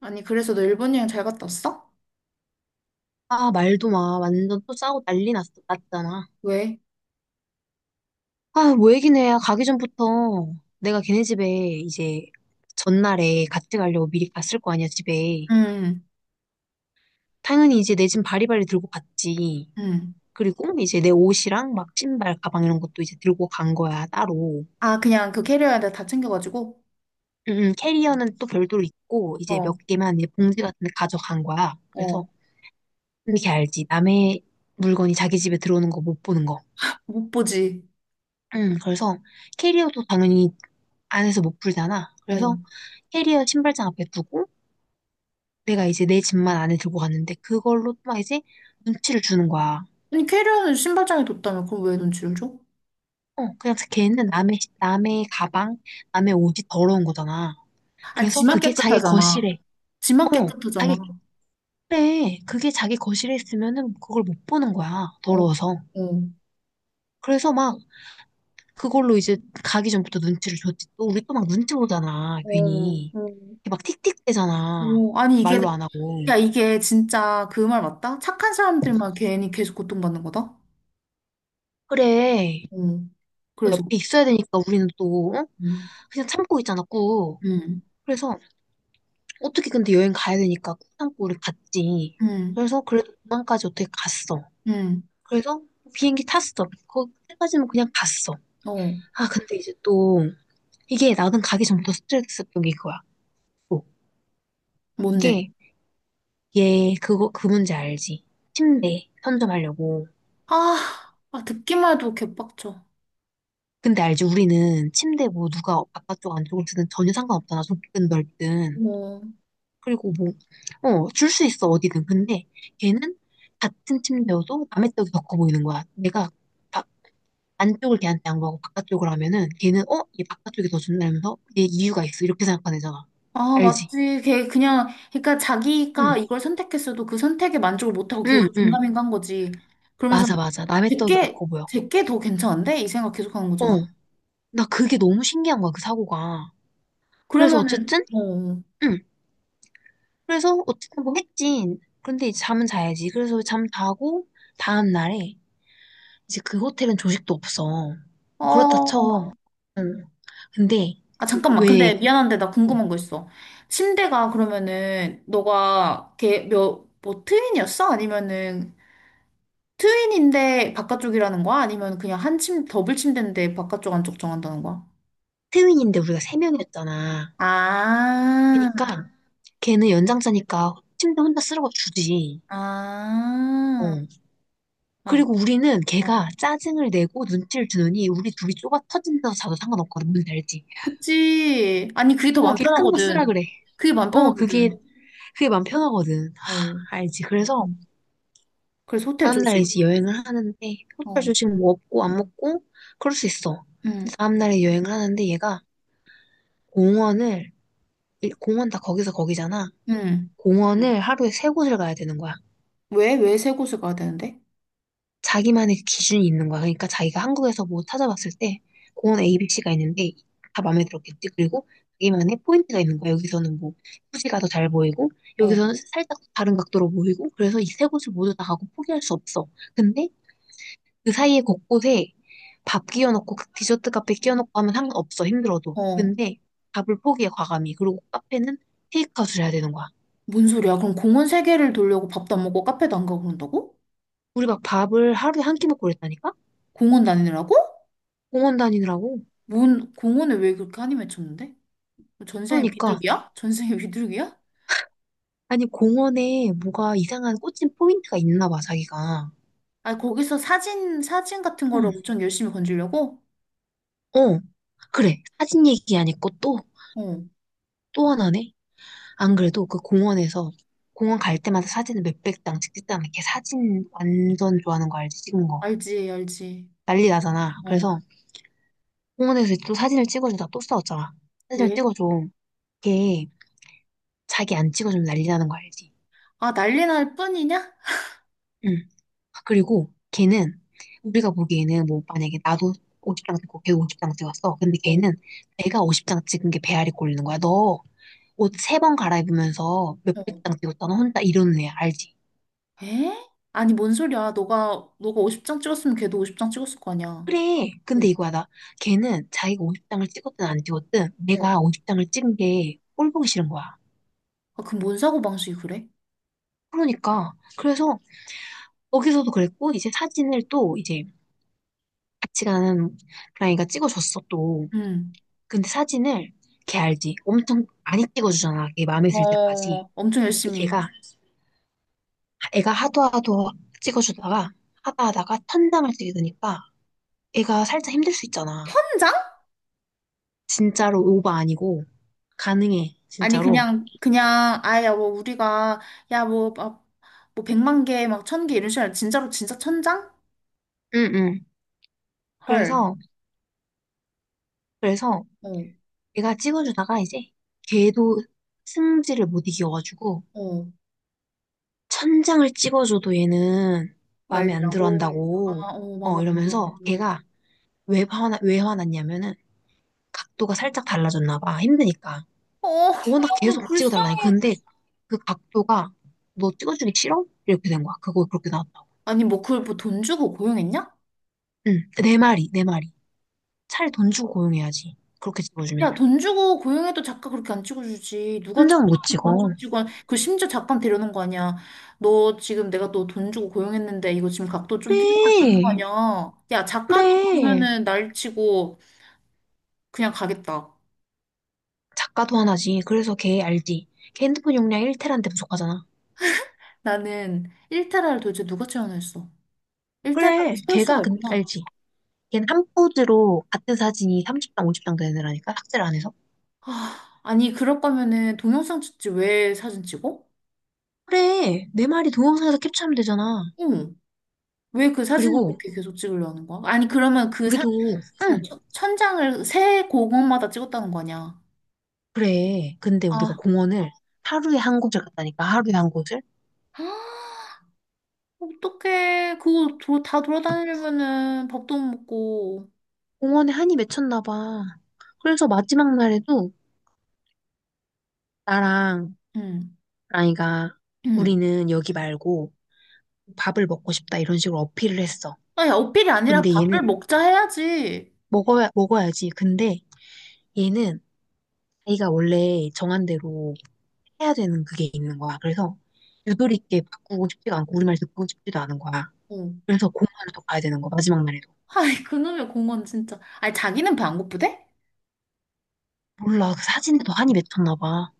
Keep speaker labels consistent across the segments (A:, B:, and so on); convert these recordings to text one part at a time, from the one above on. A: 아니, 그래서 너 일본 여행 잘 갔다 왔어?
B: 아, 말도 마. 완전 또 싸우고 난리 났잖아.
A: 왜?
B: 아, 뭐 얘기는 해. 가기 전부터 내가 걔네 집에 이제 전날에 같이 가려고 미리 갔을 거 아니야, 집에.
A: 응,
B: 당연히 이제 내 짐 바리바리 들고 갔지.
A: 응.
B: 그리고 이제 내 옷이랑 막 신발, 가방 이런 것도 이제 들고 간 거야, 따로.
A: 아, 그냥 그 캐리어에다 다 챙겨가지고?
B: 캐리어는 또 별도로 있고, 이제 몇
A: 어,
B: 개만 이제 봉지 같은 데 가져간 거야. 그래서
A: 어.
B: 이렇게 알지. 남의 물건이 자기 집에 들어오는 거 못 보는 거.
A: 못 보지.
B: 그래서 캐리어도 당연히 안에서 못 풀잖아. 그래서
A: 어.
B: 캐리어 신발장 앞에 두고 내가 이제 내 짐만 안에 들고 갔는데 그걸로 막 이제 눈치를 주는 거야.
A: 아니, 캐리어는 신발장에 뒀다며. 그럼 왜 눈치를 줘?
B: 어, 그냥 걔는 남의 가방, 남의 옷이 더러운 거잖아.
A: 아,
B: 그래서
A: 지만
B: 그게 자기
A: 깨끗하잖아.
B: 거실에,
A: 지만
B: 어, 자기
A: 깨끗하잖아.
B: 그래. 그게 자기 거실에 있으면은 그걸 못 보는 거야.
A: 어,
B: 더러워서.
A: 어,
B: 그래서 막 그걸로 이제 가기 전부터 눈치를 줬지. 또 우리 또 막 눈치 보잖아,
A: 어,
B: 괜히.
A: 어.
B: 이렇게 막 틱틱대잖아.
A: 어. 아니, 이게,
B: 말로 안 하고.
A: 야, 이게 진짜 그 말 맞다? 착한 사람들만 괜히 계속 고통받는 거다?
B: 그래.
A: 어.
B: 또
A: 그래서,
B: 옆에 있어야 되니까 우리는 또 어?
A: 응,
B: 그냥 참고 있잖아, 꾹.
A: 응,
B: 그래서 어떻게 근데 여행 가야 되니까 꾹 참고 우리 갔지.
A: 응,
B: 그래서 그래도 도망까지 어떻게 갔어.
A: 응.
B: 그래서 비행기 탔어. 거기까지는 그냥 갔어.
A: 어,
B: 아, 근데 이제 또 이게 나는 가기 전부터 스트레스 받던 게 그거야. 또.
A: 뭔데?
B: 이게 얘 그거 그 문제 알지? 침대 선점하려고.
A: 아, 아, 듣기만 해도 개빡쳐.
B: 근데 알지? 우리는 침대 뭐 누가 바깥쪽 안쪽으로 쓰든 전혀 상관없잖아. 좁든 넓든.
A: 음. 어.
B: 그리고 뭐, 어, 줄 수 있어 어디든. 근데 걔는 같은 침대여도 남의 떡이 더 커 보이는 거야. 내가 바- 안쪽을 걔한테 양보하고 바깥쪽을 하면은 걔는 어? 얘 바깥쪽이 더 좋나 면서 얘 이유가 있어. 이렇게 생각하는 애잖아.
A: 아,
B: 알지?
A: 맞지. 걔 그냥, 그러니까 자기가
B: 응,
A: 이걸 선택했어도 그 선택에 만족을 못하고
B: 응,
A: 계속
B: 응.
A: 긴가민가한 거지. 그러면서
B: 맞아, 맞아. 남의 떡이 더
A: 제게,
B: 커 보여.
A: 제게 더 괜찮은데? 이 생각 계속 하는
B: 어,
A: 거잖아.
B: 나 그게 너무 신기한 거야, 그 사고가. 그래서
A: 그러면은,
B: 어쨌든,
A: 어,
B: 응. 그래서 어쨌든 뭐 했지. 그런데 이제 잠은 자야지. 그래서 잠 자고 다음 날에 이제 그 호텔은 조식도 없어.
A: 어,
B: 뭐 그렇다
A: 어.
B: 쳐. 응. 근데
A: 아, 잠깐만.
B: 그왜
A: 근데 미안한데 나 궁금한 거 있어. 침대가 그러면은, 너가 걔 몇, 뭐 트윈이었어? 아니면은, 트윈인데 바깥쪽이라는 거야? 아니면 그냥 한 침, 더블 침대인데 바깥쪽 안쪽 정한다는 거야?
B: 트윈인데 우리가 세 명이었잖아.
A: 아,
B: 그러니까 걔는 연장자니까 침대 혼자 쓰라고 주지.
A: 아,
B: 어.
A: 아,
B: 그리고 우리는
A: 어.
B: 걔가 짜증을 내고 눈치를 주느니 우리 둘이 좁아 터진 데서 자도 상관없거든. 뭔지 알지?
A: 그치. 아니, 그게 더
B: 어,
A: 마음
B: 걔 큰 거 쓰라
A: 편하거든.
B: 그래.
A: 그게 마음
B: 어, 그게
A: 편하거든.
B: 그게 마음 편하거든.
A: 어,
B: 알지?
A: 어.
B: 그래서
A: 그래서 호텔
B: 다음날에
A: 조식.
B: 이제 여행을 하는데 호텔
A: 어,
B: 조식 뭐 없고 안 먹고 그럴 수 있어.
A: 응,
B: 근데 다음날에 여행을 하는데 얘가 공원을 공원 다 거기서 거기잖아.
A: 응.
B: 공원을 응, 하루에 세 곳을 가야 되는 거야.
A: 왜, 왜 세 곳을 가야 되는데?
B: 자기만의 기준이 있는 거야. 그러니까 자기가 한국에서 뭐 찾아봤을 때 공원 A, B, C가 있는데 다 마음에 들었겠지. 그리고 자기만의 포인트가 있는 거야. 여기서는 뭐 후지가 더 잘 보이고
A: 어,
B: 여기서는 살짝 다른 각도로 보이고 그래서 이 세 곳을 모두 다 가고 포기할 수 없어. 근데 그 사이에 곳곳에 밥 끼워놓고 그 디저트 카페 끼워놓고 하면 상관없어 힘들어도.
A: 어.
B: 근데 밥을 포기해 과감히. 그리고 카페는 테이크아웃을 해야 되는 거야.
A: 뭔 소리야? 그럼 공원 세 개를 돌려고 밥도 안 먹고 카페도 안 가고 그런다고?
B: 우리 막 밥을 하루에 한 끼 먹고 그랬다니까.
A: 공원 다니느라고?
B: 공원 다니느라고.
A: 뭔, 공원을 왜 그렇게 한이 맺혔는데? 뭐 전생에
B: 그러니까
A: 비둘기야? 전생에 비둘기야?
B: 아니 공원에 뭐가 이상한 꽂힌 포인트가 있나 봐 자기가.
A: 아, 거기서 사진 같은 거를
B: 응.
A: 엄청 열심히 건지려고?
B: 어. 그래, 사진 얘기 안 했고 또,
A: 어.
B: 또 하나네. 안 그래도 그 공원에서 공원 갈 때마다 사진을 몇백 장 찍겠다는 걔. 사진 완전 좋아하는 거 알지. 찍은 거
A: 알지, 알지.
B: 난리 나잖아.
A: 어,
B: 그래서 공원에서 또 사진을 찍어주다 또 싸웠잖아. 사진을
A: 왜?
B: 찍어줘. 걔 자기 안 찍어주면 난리 나는 거 알지?
A: 아, 난리 날 뿐이냐?
B: 응. 아, 그리고 걔는, 우리가 보기에는 뭐 만약에 나도 50장 찍고 걔도 50장 찍었어. 근데
A: 어,
B: 걔는 내가 50장 찍은 게 배알이 꼴리는 거야. 너 옷 세 번 갈아입으면서 몇백
A: 어.
B: 장 찍었잖아. 혼자 이러는 애야. 알지?
A: 에? 아니, 뭔 소리야. 너가 50장 찍었으면 걔도 50장 찍었을 거 아니야.
B: 그래.
A: 어,
B: 근데 이거야. 나 걔는 자기가 50장을 찍었든 안 찍었든
A: 어.
B: 내가 50장을 찍은 게 꼴 보기 싫은 거야.
A: 아, 그럼 뭔 사고방식이 그래?
B: 그러니까. 그래서 거기서도 그랬고 이제 사진을 또 이제 같이 가는 그랑이가 찍어줬어, 또.
A: 응.
B: 근데 사진을 걔 알지? 엄청 많이 찍어주잖아. 걔 마음에 들 때까지.
A: 어, 엄청
B: 근데
A: 열심히.
B: 걔가, 애가 하도 하도 찍어주다가, 하다 하다가 천장을 찍게 되니까 애가 살짝 힘들 수 있잖아.
A: 한 장?
B: 진짜로 오바 아니고, 가능해,
A: 아니,
B: 진짜로.
A: 그냥, 아야, 뭐, 우리가, 야, 뭐, 막, 뭐, 백만 개, 막, 천 개 이런 식으로, 아니라 진짜로, 진짜 천장.
B: 응, 응.
A: 헐.
B: 그래서, 그래서
A: 어,
B: 얘가 찍어주다가 이제 걔도 승질을 못 이겨가지고,
A: 어.
B: 천장을 찍어줘도 얘는 마음에 안 들어
A: 난리라고. 아,
B: 한다고.
A: 어, 마음에
B: 어,
A: 안 들어.
B: 이러면서 걔가 왜 화나, 왜 화났냐면은 각도가 살짝 달라졌나 봐. 힘드니까.
A: 어, 아,
B: 워낙
A: 너
B: 계속 찍어달라니.
A: 불쌍해.
B: 근데 그 각도가 너 찍어주기 싫어? 이렇게 된 거야. 그거 그렇게 나왔다고.
A: 아니 뭐 그걸 뭐 돈 주고 고용했냐?
B: 응, 내 말이, 내 말이. 차라리 돈 주고 고용해야지. 그렇게
A: 야
B: 찍어주면.
A: 돈 주고 고용해도 작가 그렇게 안 찍어주지 누가
B: 혼자는 못
A: 천장을
B: 찍어.
A: 그러고 찍어. 그 심지어 작가는 데려오는 거 아니야. 너 지금 내가 너 돈 주고 고용했는데 이거 지금 각도 좀 틀렸다는 거
B: 그래,
A: 아니야. 야 작가도
B: 그래.
A: 그러면은 날 치고 그냥 가겠다.
B: 작가도 하나지. 그래서 걔 알지. 걔 핸드폰 용량 1테라인데 부족하잖아.
A: 나는 일테라를 도대체 누가 채워냈어. 일테라를
B: 그래,
A: 채울 수가 있구나.
B: 알지. 걔는 한 포즈로 같은 사진이 30장, 50장 되는 애라니까, 삭제를 안 해서.
A: 아 아니 그럴 거면은 동영상 찍지 왜 사진 찍어?
B: 그래, 내 말이 동영상에서 캡처하면 되잖아.
A: 응. 왜 그 사진을
B: 그리고
A: 그렇게 계속 찍으려 하는 거야? 아니 그러면
B: 우리도,
A: 어,
B: 응,
A: 천장을 새 공원마다 찍었다는 거 아니야.
B: 그래. 근데 우리가
A: 아,
B: 공원을 하루에 한 곳을 갔다니까, 하루에 한 곳을.
A: 어떡해. 그거 다 돌아다니려면은 밥도 못 먹고.
B: 공원에 한이 맺혔나 봐. 그래서 마지막 날에도 나랑
A: 응,
B: 라이가
A: 응.
B: 우리는 여기 말고 밥을 먹고 싶다 이런 식으로 어필을 했어.
A: 아니, 어필이 아니라
B: 근데
A: 밥을
B: 얘는
A: 먹자 해야지.
B: 먹어야지. 근데 얘는 자기가 원래 정한 대로 해야 되는 그게 있는 거야. 그래서 유도리 있게 바꾸고 싶지가 않고 우리 말 듣고 싶지도 않은 거야.
A: 어.
B: 그래서 공항을 또 가야 되는 거, 마지막 날에도.
A: 아이, 그놈의 공원 진짜. 아니, 자기는 배 안 고프대?
B: 몰라, 그 사진에 더 한이 맺혔나 봐.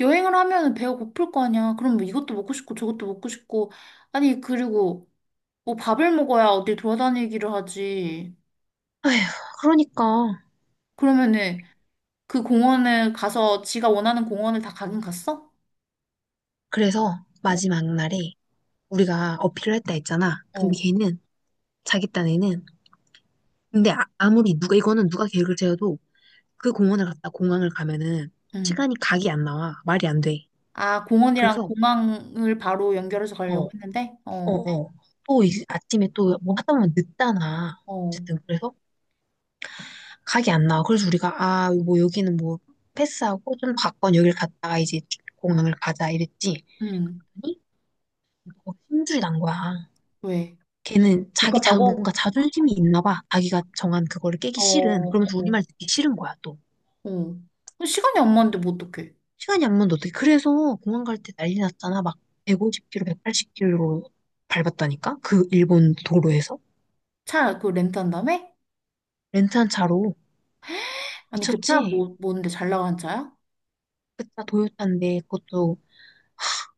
A: 여행을 하면은 배가 고플 거 아니야. 그럼 뭐 이것도 먹고 싶고 저것도 먹고 싶고. 아니, 그리고 뭐 밥을 먹어야 어디 돌아다니기를 하지.
B: 에휴, 그러니까.
A: 그러면은 그 공원을 가서 지가 원하는 공원을 다 가긴 갔어?
B: 그래서
A: 어.
B: 마지막 날에 우리가 어필을 했다 했잖아.
A: 어,
B: 근데 걔는, 자기 딴에는, 근데 아, 무리 누가, 이거는 누가 계획을 세워도 그 공원을 갔다 공항을 가면은
A: 응.
B: 시간이 각이 안 나와. 말이 안 돼.
A: 아, 공원이랑
B: 그래서,
A: 공항을 바로 연결해서
B: 어,
A: 가려고
B: 어,
A: 했는데, 어,
B: 어. 또 아침에 또 뭐 하다 보면 늦잖아.
A: 어,
B: 어쨌든, 그래서 각이 안 나와. 그래서 우리가 아, 뭐 여기는 뭐 패스하고 좀 바꿔 여길 갔다가 이제 공항을 가자 이랬지.
A: 응.
B: 아니, 뭐 힘줄이 난 거야.
A: 왜?
B: 걔는
A: 못 갔다고?
B: 뭔가 자존심이 있나 봐. 자기가 정한 그거를 깨기
A: 어,
B: 싫은. 그러면서
A: 어,
B: 우리말 듣기 싫은 거야, 또.
A: 어. 그 시간이 안 맞는데 뭐 어떡해?
B: 시간이 안 맞는데 어떻게. 그래서 공항 갈 때 난리 났잖아. 막 150km, 180km로 밟았다니까? 그 일본 도로에서?
A: 차 그 렌트한 다음에?
B: 렌트한 차로.
A: 아니, 그 차
B: 미쳤지?
A: 뭐, 뭔데 잘 나가는 차야?
B: 그차 도요타인데
A: 응,
B: 그것도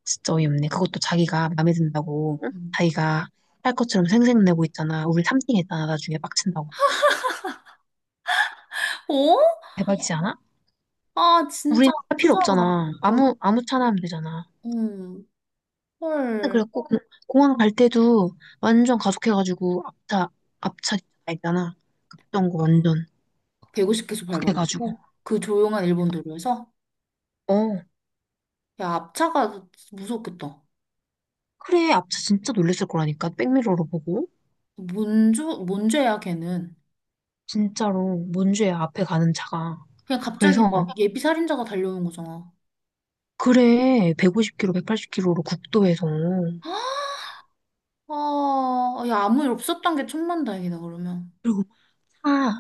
B: 진짜 어이없네. 그것도 자기가 마음에 든다고 응?
A: 응.
B: 자기가 할 것처럼 생색내고 있잖아. 우리 3등 했잖아. 나중에 빡친다고.
A: 어?
B: 대박이지 않아?
A: 아, 진짜.
B: 우린 할 필요
A: 쪼잔하다.
B: 없잖아.
A: 어,
B: 아무 차나 하면 되잖아.
A: 음.
B: 근데
A: 헐.
B: 그래갖고 공항 갈 때도 완전 가속해가지고 앞차 있잖아. 급정거 완전
A: 150km
B: 확 해가지고.
A: 밟아가지고 그 조용한 일본 도로에서.
B: 어.
A: 야, 앞차가 무섭겠다.
B: 그래 앞차 진짜 놀랬을 거라니까. 백미러로 보고
A: 뭔, 뭔 죄야, 걔는.
B: 진짜로 뭔 죄야 앞에 가는 차가.
A: 그냥 갑자기
B: 그래서
A: 막 예비 살인자가 달려오는 거잖아.
B: 그래 150km, 180km로 국도에서.
A: 아, 야, 아무 일 없었던 게 천만다행이다, 그러면.
B: 그리고 차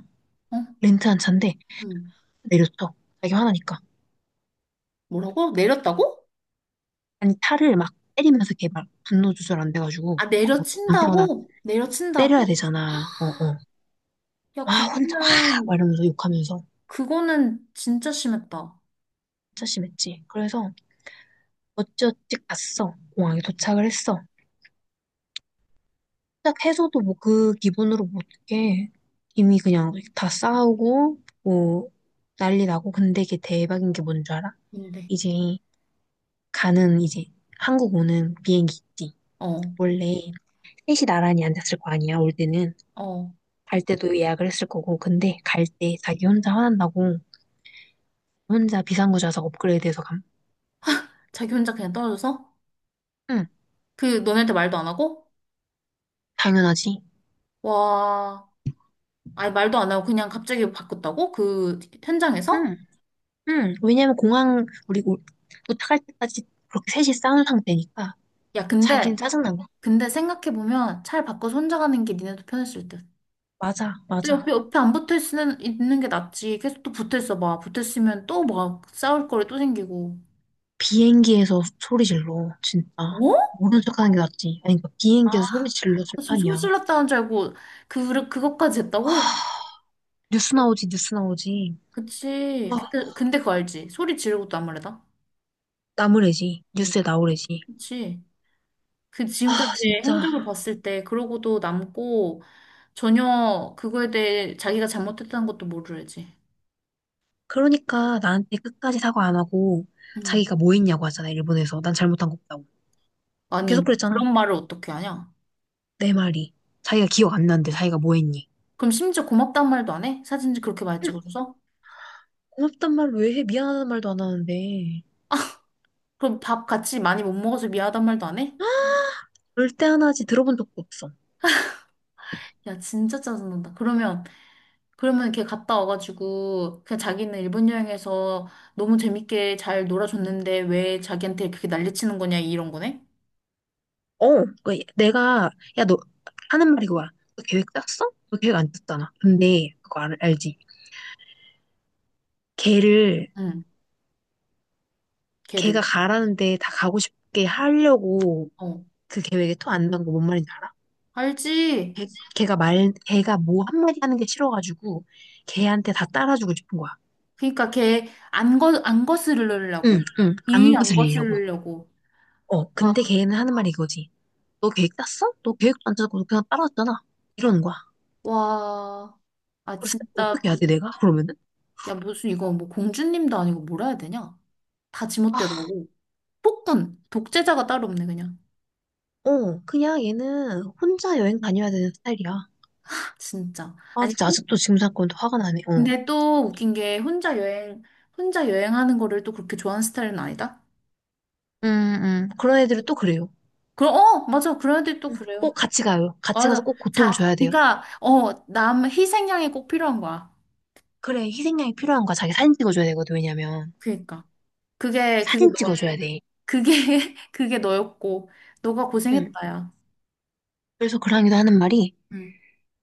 A: 어?
B: 렌트 한 차인데
A: 응.
B: 내렸어. 자기 화나니까.
A: 뭐라고? 내렸다고?
B: 아니 차를 막 때리면서 개발 분노 조절 안 돼가지고
A: 아,
B: 막뭐 나
A: 내려친다고?
B: 때려야
A: 내려친다고?
B: 되잖아. 어어.
A: 야,
B: 와 혼자 막
A: 그거는,
B: 말하면서 욕하면서
A: 그거는 진짜 심했다.
B: 진짜 심했지. 그래서 어찌어찌 갔어. 공항에 도착을 했어. 도착해서도 뭐 그 기분으로 뭐 못해. 이미 그냥 다 싸우고 뭐 난리 나고. 근데 이게 대박인 게 뭔 줄 알아?
A: 근데,
B: 이제 가는 이제 한국 오는 비행기 있지.
A: 어,
B: 원래 셋이 나란히 앉았을 거 아니야, 올 때는.
A: 어.
B: 갈 때도 예약을 했을 거고. 근데 갈 때 자기 혼자 화난다고 혼자 비상구좌석 업그레이드해서 감.
A: 자기 혼자 그냥 떨어져서?
B: 응,
A: 그, 너네한테 말도 안 하고?
B: 당연하지.
A: 와, 아니, 말도 안 하고 그냥 갑자기 바꿨다고? 그, 현장에서?
B: 응, 응. 왜냐면 공항 도착할 때까지 그렇게 셋이 싸운 상태니까
A: 야,
B: 자기는
A: 근데,
B: 짜증난 거야.
A: 근데 생각해보면 차를 바꿔서 혼자 가는 게 니네도 편했을 듯.
B: 맞아,
A: 근데
B: 맞아.
A: 옆에 안 붙어 있는 게 낫지. 계속 또 붙어 있어 봐. 붙어 있으면 또 막 싸울 거리 또 생기고.
B: 비행기에서 소리 질러, 진짜.
A: 어?
B: 모른 척하는 게 낫지. 아니, 그러니까 비행기에서 소리 질러
A: 나 지금 소리
B: 술탄이야.
A: 질렀다는 줄 알고, 그것까지 했다고?
B: 아 뉴스 나오지, 뉴스 나오지.
A: 그치.
B: 아,
A: 근데 그거 알지? 소리 지르고도 안무래다.
B: 나무래지.
A: 응.
B: 뉴스에 나오래지.
A: 그치. 그 지금까지
B: 아, 진짜.
A: 행적을 봤을 때, 그러고도 남고, 전혀 그거에 대해 자기가 잘못했다는 것도 모르지.
B: 그러니까 나한테 끝까지 사과 안 하고
A: 응.
B: 자기가 뭐 했냐고 하잖아, 일본에서. 난 잘못한 거 없다고.
A: 아니,
B: 계속 그랬잖아.
A: 그런 말을 어떻게 하냐?
B: 내 말이. 자기가 기억 안 나는데 자기가 뭐 했니?
A: 그럼 심지어 고맙다는 말도 안 해? 사진 그렇게 많이 찍어줘서?
B: 고맙단 말 왜 해? 미안하다는 말도 안 하는데.
A: 그럼 밥 같이 많이 못 먹어서 미안하단 말도 안 해?
B: 그럴 때 하나지 들어본 적도 없어.
A: 야, 진짜 짜증난다. 그러면, 그러면 걔 갔다 와가지고, 그냥 자기는 일본 여행에서 너무 재밌게 잘 놀아줬는데 왜 자기한테 그렇게 난리치는 거냐, 이런 거네?
B: 어, 그 내가 야 너 하는 말이 그거야. 너 계획 짰어? 너 계획 안 짰잖아. 근데 그거 알, 알지? 걔를
A: 응,
B: 걔가
A: 걔를.
B: 가라는데 다 가고 싶게 하려고
A: 어,
B: 그 계획에 토 안 난 거 뭔 말인지 알아?
A: 알지?
B: 걔, 걔가 뭐 한마디 하는 게 싫어가지고 걔한테 다 따라주고 싶은 거야.
A: 그니까 걔 안
B: 응,
A: 거스르려고.
B: 응,
A: 이유
B: 안
A: 안
B: 거슬리려고.
A: 거스르려고.
B: 어,
A: 아,
B: 근데 걔는 하는 말이 이거지. 너 계획 짰어? 너 계획도 안 짜고 그냥 따라왔잖아. 이러는 거야.
A: 와. 아,
B: 그래서
A: 진짜.
B: 어떻게 해야 돼, 내가? 그러면은?
A: 야, 무슨 이거 뭐 공주님도 아니고 뭐라 해야 되냐? 다
B: 아,
A: 지멋대로 하고. 폭군! 독재자가 따로 없네, 그냥.
B: 어, 그냥 얘는 혼자 여행 다녀야 되는 스타일이야.
A: 진짜.
B: 아,
A: 아니,
B: 진짜 아직도 지금 사건도 화가 나네, 어.
A: 근데 또 웃긴 게 혼자 여행, 혼자 여행하는 거를 또 그렇게 좋아하는 스타일은 아니다?
B: 그런 애들은 또 그래요.
A: 그럼, 어, 맞아. 그런 애들이 또
B: 음.
A: 그래요.
B: 꼭 같이 가요. 같이 가서
A: 맞아.
B: 꼭 고통을
A: 자,
B: 줘야 돼요.
A: 그러니까, 어, 남 희생양이 꼭 필요한 거야.
B: 그래, 희생양이 필요한 거야. 자기 사진 찍어줘야 되거든, 왜냐면.
A: 그러니까. 그게, 그게
B: 사진
A: 너,
B: 찍어줘야 돼.
A: 그게, 그게 너였고, 너가 고생했다, 야.
B: 그래서 그랑이도 하는 말이
A: 응.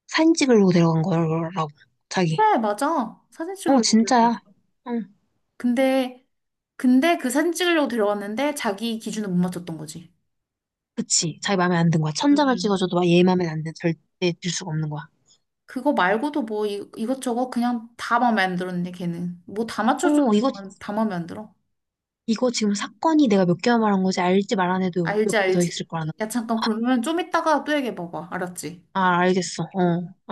B: 사진 찍으려고 데려간 거라고. 자기.
A: 그래, 맞아. 사진
B: 어,
A: 찍으려고 들어간
B: 진짜야. 응.
A: 근데, 근데 그 사진 찍으려고 들어갔는데 자기 기준을 못 맞췄던 거지.
B: 그치. 자기 마음에 안 든 거야. 천장을
A: 응.
B: 찍어줘도 막얘 마음에 안 든, 절대 들 수가 없는 거야.
A: 그거 말고도 뭐 이것저것 그냥 다 마음에 안 들었네, 걔는. 뭐 다 맞춰줘도
B: 어,
A: 다, 다 마음에 안 들어.
B: 이거 지금 사건이 내가 몇 개만 말한 거지. 알지 말 안 해도 몇
A: 알지,
B: 개 더
A: 알지.
B: 있을 거라는
A: 야,
B: 거야.
A: 잠깐, 그러면 좀 이따가 또 얘기해봐봐. 알았지?
B: 아, 알겠어. 어.